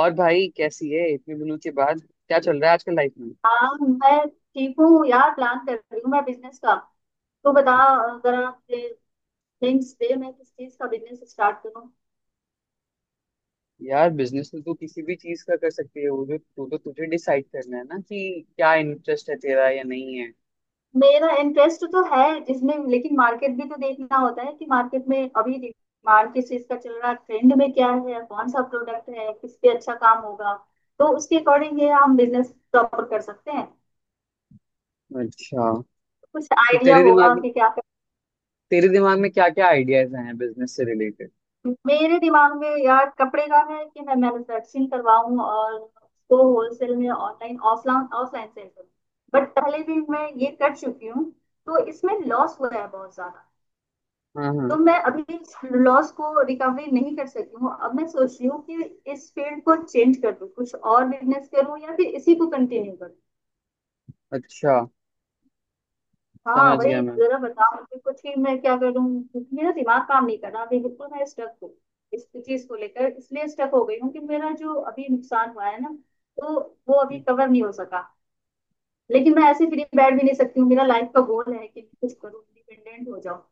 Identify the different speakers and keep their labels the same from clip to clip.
Speaker 1: और भाई कैसी है इतने दिनों के बाद? क्या चल रहा है आजकल लाइफ में?
Speaker 2: हाँ मैं ठीक हूँ यार। प्लान कर रही हूँ मैं बिजनेस का, तो बता जरा थिंक्स दे मैं किस चीज का बिजनेस स्टार्ट करूँ।
Speaker 1: यार, बिजनेस तो तू किसी भी चीज का कर सकती है। वो जो तू तो तुझे डिसाइड करना है ना कि क्या इंटरेस्ट है तेरा या नहीं है।
Speaker 2: मेरा इंटरेस्ट तो है जिसमें, लेकिन मार्केट भी तो देखना होता है कि मार्केट में अभी डिमांड किस चीज का चल रहा है, ट्रेंड में क्या है, कौन सा प्रोडक्ट है, किस पे अच्छा काम होगा। तो उसके अकॉर्डिंग ये हम बिजनेस प्रॉपर कर सकते हैं।
Speaker 1: अच्छा,
Speaker 2: कुछ
Speaker 1: तो
Speaker 2: आइडिया
Speaker 1: तेरे
Speaker 2: होगा
Speaker 1: दिमाग
Speaker 2: कि क्या।
Speaker 1: तेरे दिमाग में क्या क्या आइडियाज हैं बिजनेस से रिलेटेड?
Speaker 2: मेरे दिमाग में यार कपड़े का है कि मैं मैन्युफैक्चरिंग करवाऊं और उसको होलसेल में ऑनलाइन ऑफलाइन ऑफलाइन सेल करूं। बट पहले भी मैं ये कर चुकी हूँ, तो इसमें लॉस हुआ है बहुत ज्यादा।
Speaker 1: हाँ हाँ।
Speaker 2: तो मैं अभी लॉस को रिकवरी नहीं कर सकी हूँ। अब मैं सोच रही हूँ कि इस फील्ड को चेंज कर दूं, कुछ और बिजनेस करूँ या फिर इसी को कंटिन्यू करूँ।
Speaker 1: अच्छा।
Speaker 2: हाँ
Speaker 1: समझ गया
Speaker 2: वही
Speaker 1: मैं।
Speaker 2: जरा बताओ मुझे कुछ ही, मैं क्या करूँ। क्योंकि मेरा दिमाग काम नहीं कर रहा अभी, बिल्कुल मैं स्टक हूँ इस चीज को लेकर। इसलिए स्टक हो गई हूँ कि मेरा जो अभी नुकसान हुआ है ना, तो वो अभी
Speaker 1: हम्म
Speaker 2: कवर नहीं हो सका। लेकिन मैं ऐसे फ्री बैठ भी नहीं सकती हूँ, मेरा लाइफ का गोल है कि कुछ करूँ, इंडिपेंडेंट हो जाऊँ।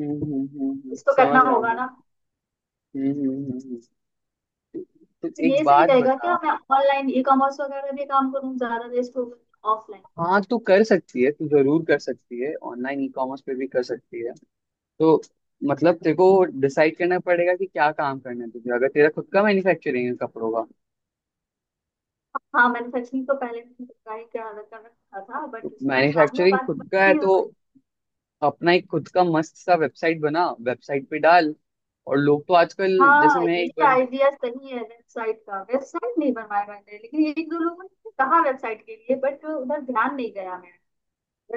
Speaker 2: कुछ तो करना
Speaker 1: समझ रहा हूँ
Speaker 2: होगा
Speaker 1: मैं।
Speaker 2: ना।
Speaker 1: हम्म। हम्म। तो
Speaker 2: तो
Speaker 1: एक
Speaker 2: ये सही
Speaker 1: बात
Speaker 2: रहेगा
Speaker 1: बता।
Speaker 2: क्या मैं ऑनलाइन ई कॉमर्स वगैरह में काम करूँ, ज्यादा बेस्ट होगा ऑफलाइन।
Speaker 1: हाँ, तू कर सकती है, तू जरूर कर सकती है, ऑनलाइन ई कॉमर्स पे भी कर सकती है। तो मतलब तेरे को डिसाइड करना पड़ेगा कि क्या काम करना है तुझे, अगर तेरा खुद का मैन्युफैक्चरिंग है कपड़ों का।
Speaker 2: हाँ मैन्युफैक्चरिंग तो पहले मैंने ट्राई कर कर रखा था,
Speaker 1: तो
Speaker 2: बट उसमें नुकसान हुआ
Speaker 1: मैन्युफैक्चरिंग
Speaker 2: बात।
Speaker 1: खुद का है तो अपना एक खुद का मस्त सा वेबसाइट बना, वेबसाइट पे डाल। और लोग तो आजकल, जैसे
Speaker 2: हाँ
Speaker 1: मैं
Speaker 2: ये
Speaker 1: एक बंद।
Speaker 2: आइडिया सही है वेबसाइट का। वेबसाइट नहीं बनवाया मैंने, लेकिन एक दो लोगों ने कहा वेबसाइट के लिए, बट उधर ध्यान नहीं गया मैं।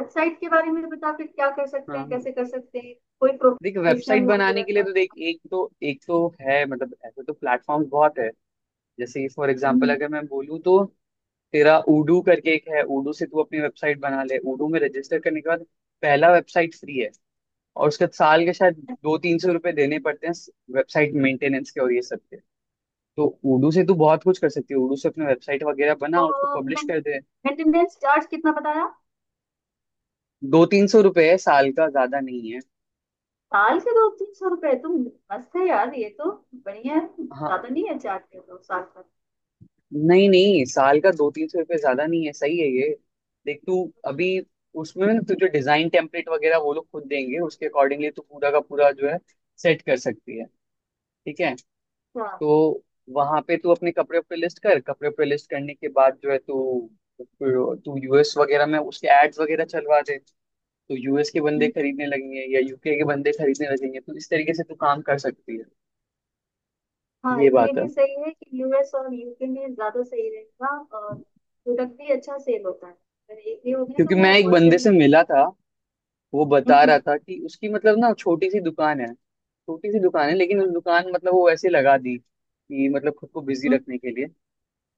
Speaker 2: वेबसाइट के बारे में बता, फिर क्या कर
Speaker 1: हाँ
Speaker 2: सकते हैं,
Speaker 1: हाँ।
Speaker 2: कैसे कर सकते हैं। कोई
Speaker 1: देख,
Speaker 2: प्रोफेशनल
Speaker 1: वेबसाइट
Speaker 2: हो तो
Speaker 1: बनाने के लिए
Speaker 2: वेबसाइट
Speaker 1: तो देख,
Speaker 2: बना।
Speaker 1: एक तो है, मतलब ऐसे तो प्लेटफॉर्म बहुत है। जैसे फॉर एग्जांपल
Speaker 2: हम्म।
Speaker 1: अगर मैं बोलूँ तो, तेरा उडू करके एक है, उडू से तू अपनी वेबसाइट बना ले, उडू में रजिस्टर करने के बाद पहला वेबसाइट फ्री है। और उसके साल के शायद दो तीन सौ रुपए देने पड़ते हैं, वेबसाइट मेंटेनेंस के और ये सब के। तो उर्दू से तू बहुत कुछ कर सकती है, उर्दू से अपने वेबसाइट वगैरह बना और उसको
Speaker 2: तो
Speaker 1: पब्लिश कर दे।
Speaker 2: मेंटेनेंस चार्ज कितना बताया।
Speaker 1: दो तीन सौ रुपए है साल का, ज्यादा नहीं है।
Speaker 2: साल के 2-300 रुपए तो मस्त है यार ये तो। बढ़िया है,
Speaker 1: हाँ।
Speaker 2: ज्यादा नहीं है चार्ज के दो साल का।
Speaker 1: नहीं नहीं, साल का दो तीन सौ रुपये ज्यादा नहीं है, सही है ये। देख तू अभी, उसमें ना तुझे डिजाइन टेम्पलेट वगैरह वो लोग खुद देंगे, उसके अकॉर्डिंगली तू पूरा का पूरा जो है सेट कर सकती है। ठीक है।
Speaker 2: अच्छा।
Speaker 1: तो वहां पे तू अपने कपड़े पे लिस्ट कर, कपड़े पे लिस्ट करने के बाद जो है तू तू यूएस वगैरह में उसके एड्स वगैरह चलवा दे। तो यूएस के बंदे खरीदने लगेंगे या यूके के बंदे खरीदने लगेंगे, तो इस तरीके से तू काम कर सकती है।
Speaker 2: हाँ
Speaker 1: ये
Speaker 2: ये
Speaker 1: बात है।
Speaker 2: भी सही है कि यूएस और यूके में ज्यादा सही रहेगा। और प्रोडक्ट भी अच्छा सेल होता है, अगर एक भी हो गया
Speaker 1: क्योंकि
Speaker 2: तो
Speaker 1: मैं
Speaker 2: वो
Speaker 1: एक बंदे
Speaker 2: होलसेल
Speaker 1: से
Speaker 2: में।
Speaker 1: मिला था, वो बता रहा
Speaker 2: हम्म।
Speaker 1: था कि उसकी मतलब ना छोटी सी दुकान है, छोटी सी दुकान है लेकिन उस दुकान, मतलब वो ऐसे लगा दी कि मतलब खुद को बिजी
Speaker 2: हम्म।
Speaker 1: रखने के लिए।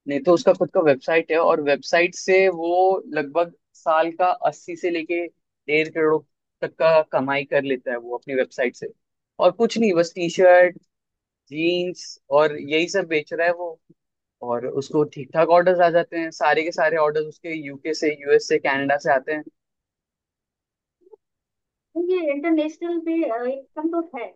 Speaker 1: नहीं तो उसका खुद का वेबसाइट है, और वेबसाइट से वो लगभग साल का अस्सी से लेके डेढ़ करोड़ तक का कमाई कर लेता है, वो अपनी वेबसाइट से। और कुछ नहीं, बस टी शर्ट, जीन्स और यही सब बेच रहा है वो। और उसको ठीक ठाक ऑर्डर्स आ जाते हैं, सारे के सारे ऑर्डर्स उसके यूके से, यूएस से, कनाडा से आते हैं।
Speaker 2: ये इंटरनेशनल भी इनकम तो है।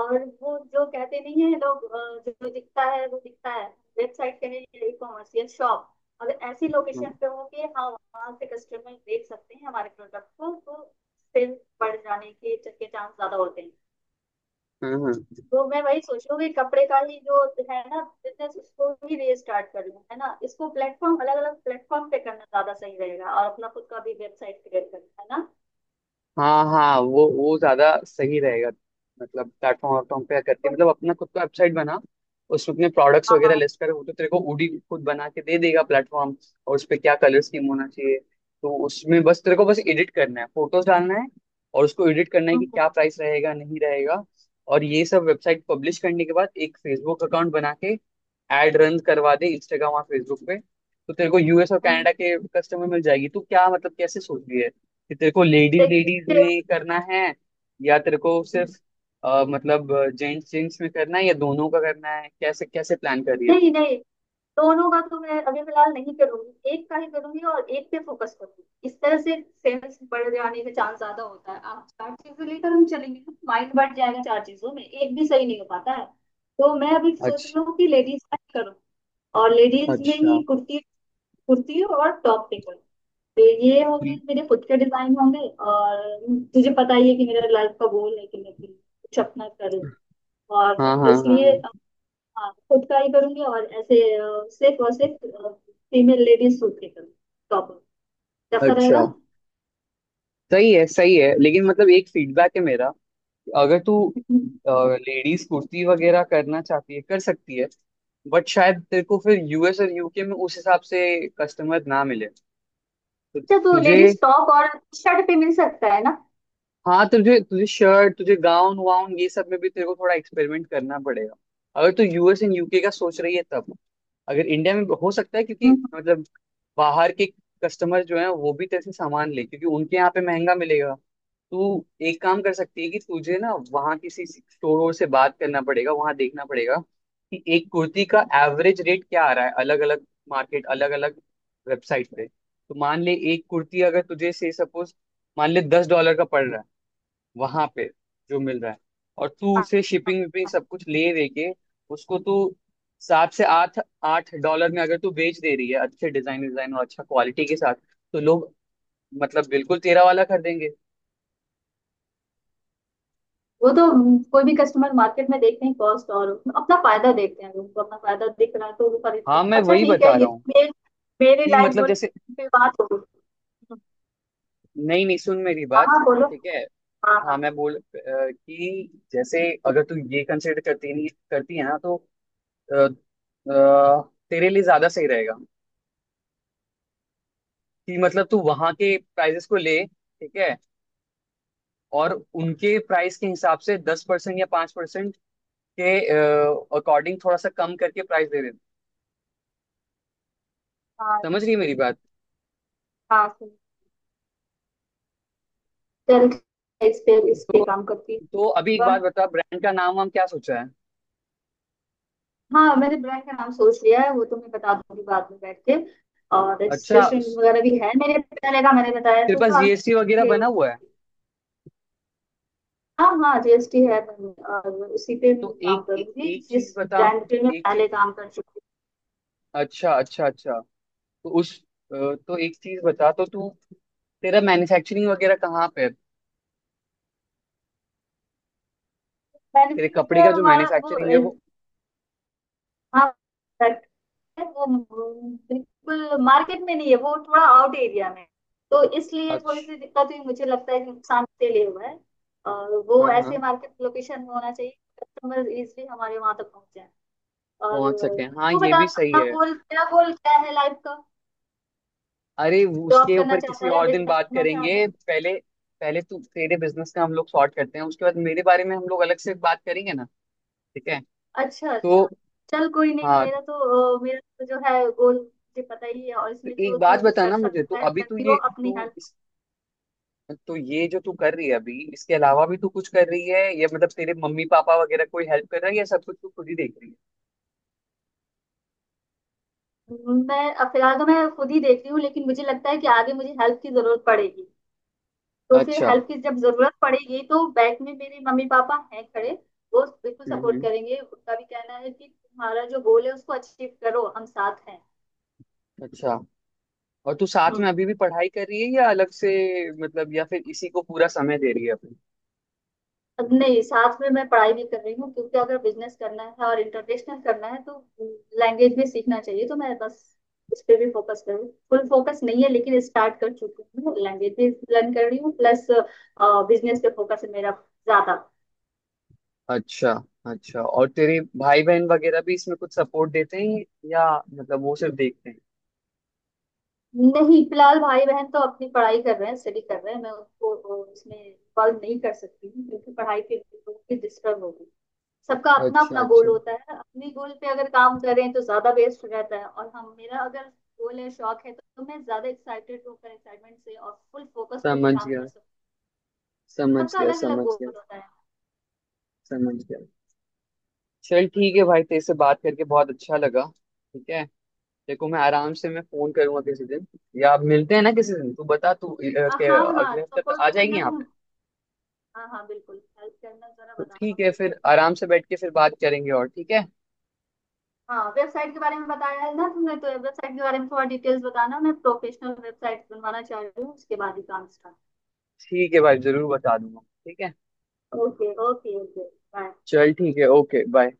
Speaker 2: और वो जो कहते नहीं है लोग जो दिखता है वो दिखता है। वेबसाइट के लिए ई कॉमर्स या शॉप अगर ऐसी
Speaker 1: हम्म
Speaker 2: लोकेशन पे हो कि हाँ वहाँ से कस्टमर देख सकते हैं हमारे प्रोडक्ट को, तो सेल बढ़ जाने के चांस ज्यादा होते हैं।
Speaker 1: हम्म।
Speaker 2: तो मैं वही सोच रही हूँ कि कपड़े का ही जो है ना बिजनेस, उसको भी रीस्टार्ट कर लूँ। है ना, इसको प्लेटफॉर्म अलग अलग प्लेटफॉर्म पे करना ज्यादा सही रहेगा, और अपना खुद का भी वेबसाइट क्रिएट करना है ना।
Speaker 1: हाँ हाँ, वो ज्यादा सही रहेगा। मतलब प्लेटफॉर्म वाटफॉर्म पे करके,
Speaker 2: तो
Speaker 1: मतलब अपना खुद का वेबसाइट बना। उसमें अपने प्रोडक्ट्स
Speaker 2: हाँ
Speaker 1: वगैरह
Speaker 2: हाँ।
Speaker 1: लिस्ट कर, वो तो तेरे को ओडी खुद बना के दे देगा प्लेटफॉर्म। और उस पे क्या कलर स्कीम होना चाहिए, तो उसमें बस तेरे को बस एडिट करना है, फोटोज डालना है, और उसको एडिट करना है
Speaker 2: हम्म,
Speaker 1: कि
Speaker 2: हम्म,
Speaker 1: क्या प्राइस रहेगा नहीं रहेगा। और ये सब वेबसाइट पब्लिश करने के बाद एक फेसबुक अकाउंट बना के एड रन करवा दे इंस्टाग्राम और फेसबुक पे, तो तेरे को यूएस और
Speaker 2: हम्म।
Speaker 1: कनाडा के कस्टमर मिल जाएगी। तू क्या मतलब कैसे सोच रही है, कि तेरे को लेडीज
Speaker 2: देखिए
Speaker 1: लेडीज
Speaker 2: फिर-
Speaker 1: में करना है, या तेरे को सिर्फ मतलब जेंट्स जेंट्स में करना है, या दोनों का करना है, कैसे कैसे प्लान कर रही है
Speaker 2: नहीं
Speaker 1: तू?
Speaker 2: नहीं, दोनों का तो मैं अभी फिलहाल नहीं करूंगी, एक का ही करूंगी और एक पे फोकस करूंगी। इस तरह से सेल्स बढ़ जाने का चांस ज्यादा होता है। आप चार चीजें लेकर हम चलेंगे तो माइंड बढ़ जाएगा, चार चीजों में एक भी सही नहीं हो पाता है। तो मैं अभी सोच
Speaker 1: अच्छा।
Speaker 2: रही हूँ कि लेडीज का ही करूँ। और लेडीज में
Speaker 1: अच्छा।
Speaker 2: ही कुर्ती, कुर्ती और टॉप पे कुर्ती। तो ये होगी, मेरे खुद के डिजाइन होंगे। और तुझे पता ही है कि मेरा लाइफ का गोल है कि मैं भी कुछ अपना करूँ। और
Speaker 1: हाँ हाँ हाँ
Speaker 2: इसलिए
Speaker 1: हाँ।
Speaker 2: हाँ खुद का ही करूंगी। और ऐसे सिर्फ और सिर्फ फीमेल लेडीज सूट के करूँगी। टॉप कैसा रहेगा।
Speaker 1: अच्छा, सही है सही है, लेकिन मतलब एक फीडबैक है मेरा। अगर तू
Speaker 2: हम्म।
Speaker 1: लेडीज कुर्ती वगैरह करना चाहती है, कर सकती है, बट शायद तेरे को फिर यूएस और यूके में उस हिसाब से कस्टमर ना मिले। तो
Speaker 2: अच्छा तो
Speaker 1: तुझे,
Speaker 2: लेडीज टॉप और शर्ट पे मिल सकता है ना।
Speaker 1: हाँ, तुझे तुझे शर्ट, तुझे गाउन वाउन ये सब में भी तेरे को थोड़ा एक्सपेरिमेंट करना पड़ेगा, अगर तू यूएस एंड यूके का सोच रही है तब। अगर इंडिया में हो सकता है क्योंकि
Speaker 2: हम्म,
Speaker 1: मतलब बाहर के कस्टमर जो है वो भी तेरे से सामान ले, क्योंकि उनके यहाँ पे महंगा मिलेगा। तू एक काम कर सकती है कि तुझे ना वहाँ किसी स्टोर वोर से बात करना पड़ेगा, वहाँ देखना पड़ेगा कि एक कुर्ती का एवरेज रेट क्या आ रहा है अलग अलग मार्केट, अलग अलग वेबसाइट पे। तो मान ले एक कुर्ती अगर तुझे से सपोज, मान ले 10 डॉलर का पड़ रहा है वहां पे जो मिल रहा है, और तू
Speaker 2: हाँ
Speaker 1: उसे शिपिंग विपिंग सब कुछ ले दे के उसको तू सात से आठ आठ डॉलर में अगर तू बेच दे रही है, अच्छे डिजाइन डिजाइन और अच्छा क्वालिटी के साथ, तो लोग मतलब बिल्कुल तेरा वाला कर देंगे।
Speaker 2: वो तो। कोई भी कस्टमर मार्केट में देखते हैं कॉस्ट, और अपना फायदा देखते हैं। उनको अपना फायदा दिख रहा है तो वो खरीदते
Speaker 1: हाँ
Speaker 2: हैं।
Speaker 1: मैं
Speaker 2: अच्छा
Speaker 1: वही
Speaker 2: ठीक है,
Speaker 1: बता रहा
Speaker 2: ये
Speaker 1: हूँ,
Speaker 2: मेरे मेरी
Speaker 1: कि
Speaker 2: लाइफ
Speaker 1: मतलब
Speaker 2: गोल
Speaker 1: जैसे,
Speaker 2: पे बात हो गई।
Speaker 1: नहीं नहीं, सुन मेरी
Speaker 2: हाँ
Speaker 1: बात,
Speaker 2: हाँ बोलो।
Speaker 1: ठीक है।
Speaker 2: हाँ
Speaker 1: हाँ
Speaker 2: हाँ
Speaker 1: मैं बोल कि जैसे अगर तू ये कंसिडर करती नहीं करती है ना, तो अ, अ, तेरे लिए ज्यादा सही रहेगा, कि मतलब तू वहां के प्राइजेस को ले, ठीक है, और उनके प्राइस के हिसाब से 10% या 5% के अकॉर्डिंग थोड़ा सा कम करके प्राइस दे देते।
Speaker 2: हाँ
Speaker 1: समझ रही है मेरी
Speaker 2: इसीलिए।
Speaker 1: बात?
Speaker 2: हाँ सही। चल ठीक है, इस पे
Speaker 1: तो
Speaker 2: काम करती हूँ।
Speaker 1: तो अभी एक बात
Speaker 2: पर-
Speaker 1: बता, ब्रांड का नाम वाम क्या सोचा है।
Speaker 2: हाँ मैंने ब्रांड का नाम सोच लिया है, वो तो मैं बता दूंगी बाद में बैठ के। और
Speaker 1: अच्छा,
Speaker 2: रजिस्ट्रेशन वगैरह भी है मेरे पहले का, मैंने बताया
Speaker 1: तेरे
Speaker 2: तो
Speaker 1: पास
Speaker 2: था
Speaker 1: जीएसटी वगैरह
Speaker 2: कि।
Speaker 1: बना हुआ है।
Speaker 2: हाँ हाँ जीएसटी है मैम, और उसी पे मैं
Speaker 1: तो
Speaker 2: काम करूंगी
Speaker 1: एक चीज
Speaker 2: जिस
Speaker 1: बता,
Speaker 2: ब्रांड पे मैं
Speaker 1: एक चीज,
Speaker 2: पहले काम कर चुकी
Speaker 1: अच्छा अच्छा अच्छा। तो तो एक चीज बता, तो तू तेरा मैन्युफैक्चरिंग वगैरह कहाँ पे है,
Speaker 2: हूँ।
Speaker 1: तेरे
Speaker 2: बेनिफिट जो
Speaker 1: कपड़े
Speaker 2: है
Speaker 1: का जो
Speaker 2: हमारा वो
Speaker 1: मैन्युफैक्चरिंग है वो?
Speaker 2: हाँ फैक्ट है वो बिल्कुल मार्केट में नहीं है, वो थोड़ा आउट एरिया में है। तो इसलिए थोड़ी
Speaker 1: अच्छा।
Speaker 2: सी दिक्कत हुई, मुझे लगता है कि नुकसान के लिए हुआ है। और वो
Speaker 1: हाँ
Speaker 2: ऐसे
Speaker 1: हाँ,
Speaker 2: मार्केट लोकेशन होना चाहिए कस्टमर इजिली हमारे वहां तक पहुंच जाए।
Speaker 1: पहुंच सके,
Speaker 2: और
Speaker 1: हाँ
Speaker 2: तू
Speaker 1: ये
Speaker 2: बता
Speaker 1: भी सही
Speaker 2: अपना
Speaker 1: है।
Speaker 2: गोल क्या, गोल क्या है लाइफ का।
Speaker 1: अरे,
Speaker 2: जॉब
Speaker 1: उसके
Speaker 2: करना
Speaker 1: ऊपर किसी
Speaker 2: चाहता है या
Speaker 1: और दिन
Speaker 2: बिजनेस
Speaker 1: बात
Speaker 2: करना चाहता है।
Speaker 1: करेंगे। पहले पहले तू तेरे बिजनेस का हम लोग सॉर्ट करते हैं, उसके बाद मेरे बारे में हम लोग अलग से बात करेंगे ना। ठीक है।
Speaker 2: अच्छा
Speaker 1: तो,
Speaker 2: अच्छा। चल कोई नहीं,
Speaker 1: हाँ,
Speaker 2: मेरा तो मेरा तो जो है गोल मुझे पता ही है, और
Speaker 1: तो
Speaker 2: इसमें
Speaker 1: एक
Speaker 2: जो तू
Speaker 1: बात
Speaker 2: कर
Speaker 1: बताना मुझे, तो
Speaker 2: सकता है
Speaker 1: अभी तू
Speaker 2: करती हो
Speaker 1: ये
Speaker 2: अपनी
Speaker 1: तू
Speaker 2: हेल्प।
Speaker 1: इस, तो ये जो तू कर रही है अभी इसके अलावा भी तू कुछ कर रही है, या मतलब तेरे मम्मी पापा वगैरह कोई हेल्प कर रहा है, या सब कुछ तू खुद ही देख रही
Speaker 2: मैं फिलहाल तो मैं खुद ही देख रही हूँ, लेकिन मुझे लगता है कि आगे मुझे हेल्प की जरूरत पड़ेगी। तो
Speaker 1: है।
Speaker 2: फिर
Speaker 1: अच्छा।
Speaker 2: हेल्प की जब जरूरत पड़ेगी तो बैक में मेरे मम्मी पापा हैं खड़े। वो बिल्कुल सपोर्ट
Speaker 1: हम्म।
Speaker 2: करेंगे, उनका भी कहना है कि तुम्हारा जो गोल है उसको अचीव करो, हम साथ हैं।
Speaker 1: अच्छा, और तू साथ
Speaker 2: हम्म।
Speaker 1: में अभी भी पढ़ाई कर रही है या अलग से मतलब, या फिर इसी को पूरा समय दे रही है।
Speaker 2: नहीं साथ में मैं पढ़ाई भी कर रही हूँ, क्योंकि अगर बिजनेस करना है और इंटरनेशनल करना है तो लैंग्वेज भी सीखना चाहिए। तो मैं बस इस पे भी फोकस कर रही हूँ, फुल फोकस नहीं है लेकिन स्टार्ट कर चुकी हूँ, लैंग्वेज भी लर्न कर रही हूँ। प्लस बिजनेस पे फोकस है मेरा ज्यादा।
Speaker 1: अच्छा अच्छा, और तेरे भाई बहन वगैरह भी इसमें कुछ सपोर्ट देते हैं, या मतलब वो सिर्फ देखते हैं।
Speaker 2: नहीं फिलहाल भाई बहन तो अपनी पढ़ाई कर रहे हैं, स्टडी कर रहे हैं, मैं उनको इसमें इन्वॉल्व नहीं कर सकती हूँ क्योंकि पढ़ाई के लिए डिस्टर्ब होगी। सबका अपना
Speaker 1: अच्छा।
Speaker 2: अपना गोल
Speaker 1: अच्छा,
Speaker 2: होता है, अपने गोल पे अगर काम करें तो ज्यादा बेस्ट रहता है। और हम मेरा अगर गोल है शौक है तो मैं ज्यादा एक्साइटेड होकर, एक्साइटमेंट से और फुल फोकस्ड होकर
Speaker 1: समझ
Speaker 2: काम
Speaker 1: गया,
Speaker 2: कर सकती।
Speaker 1: समझ
Speaker 2: सबका
Speaker 1: गया,
Speaker 2: अलग अलग
Speaker 1: समझ
Speaker 2: गोल
Speaker 1: गया,
Speaker 2: होता है।
Speaker 1: समझ गया। चल, ठीक है भाई, तेरे से बात करके बहुत अच्छा लगा। ठीक है। देखो, मैं आराम से, मैं फोन करूंगा किसी दिन, या आप मिलते हैं ना किसी दिन, तू बता तू अ,
Speaker 2: आ,
Speaker 1: के
Speaker 2: हाँ हाँ
Speaker 1: अगले हफ्ते तो
Speaker 2: सपोर्ट
Speaker 1: आ जाएगी
Speaker 2: करना
Speaker 1: यहाँ पे।
Speaker 2: तुम। हाँ हाँ बिल्कुल हेल्प करना, जरा
Speaker 1: तो
Speaker 2: बताना
Speaker 1: ठीक है,
Speaker 2: मुझे,
Speaker 1: फिर
Speaker 2: गाइड कर दो।
Speaker 1: आराम से बैठ के फिर बात करेंगे और, ठीक है।
Speaker 2: हाँ वेबसाइट के बारे में बताया है ना तुमने, तो वेबसाइट के बारे में थोड़ा डिटेल्स बताना, मैं प्रोफेशनल वेबसाइट बनवाना चाह रही हूँ उसके बाद ही काम स्टार्ट।
Speaker 1: ठीक है भाई, जरूर बता दूंगा। ठीक है।
Speaker 2: Okay okay okay. बाय।
Speaker 1: चल ठीक है, ओके, बाय।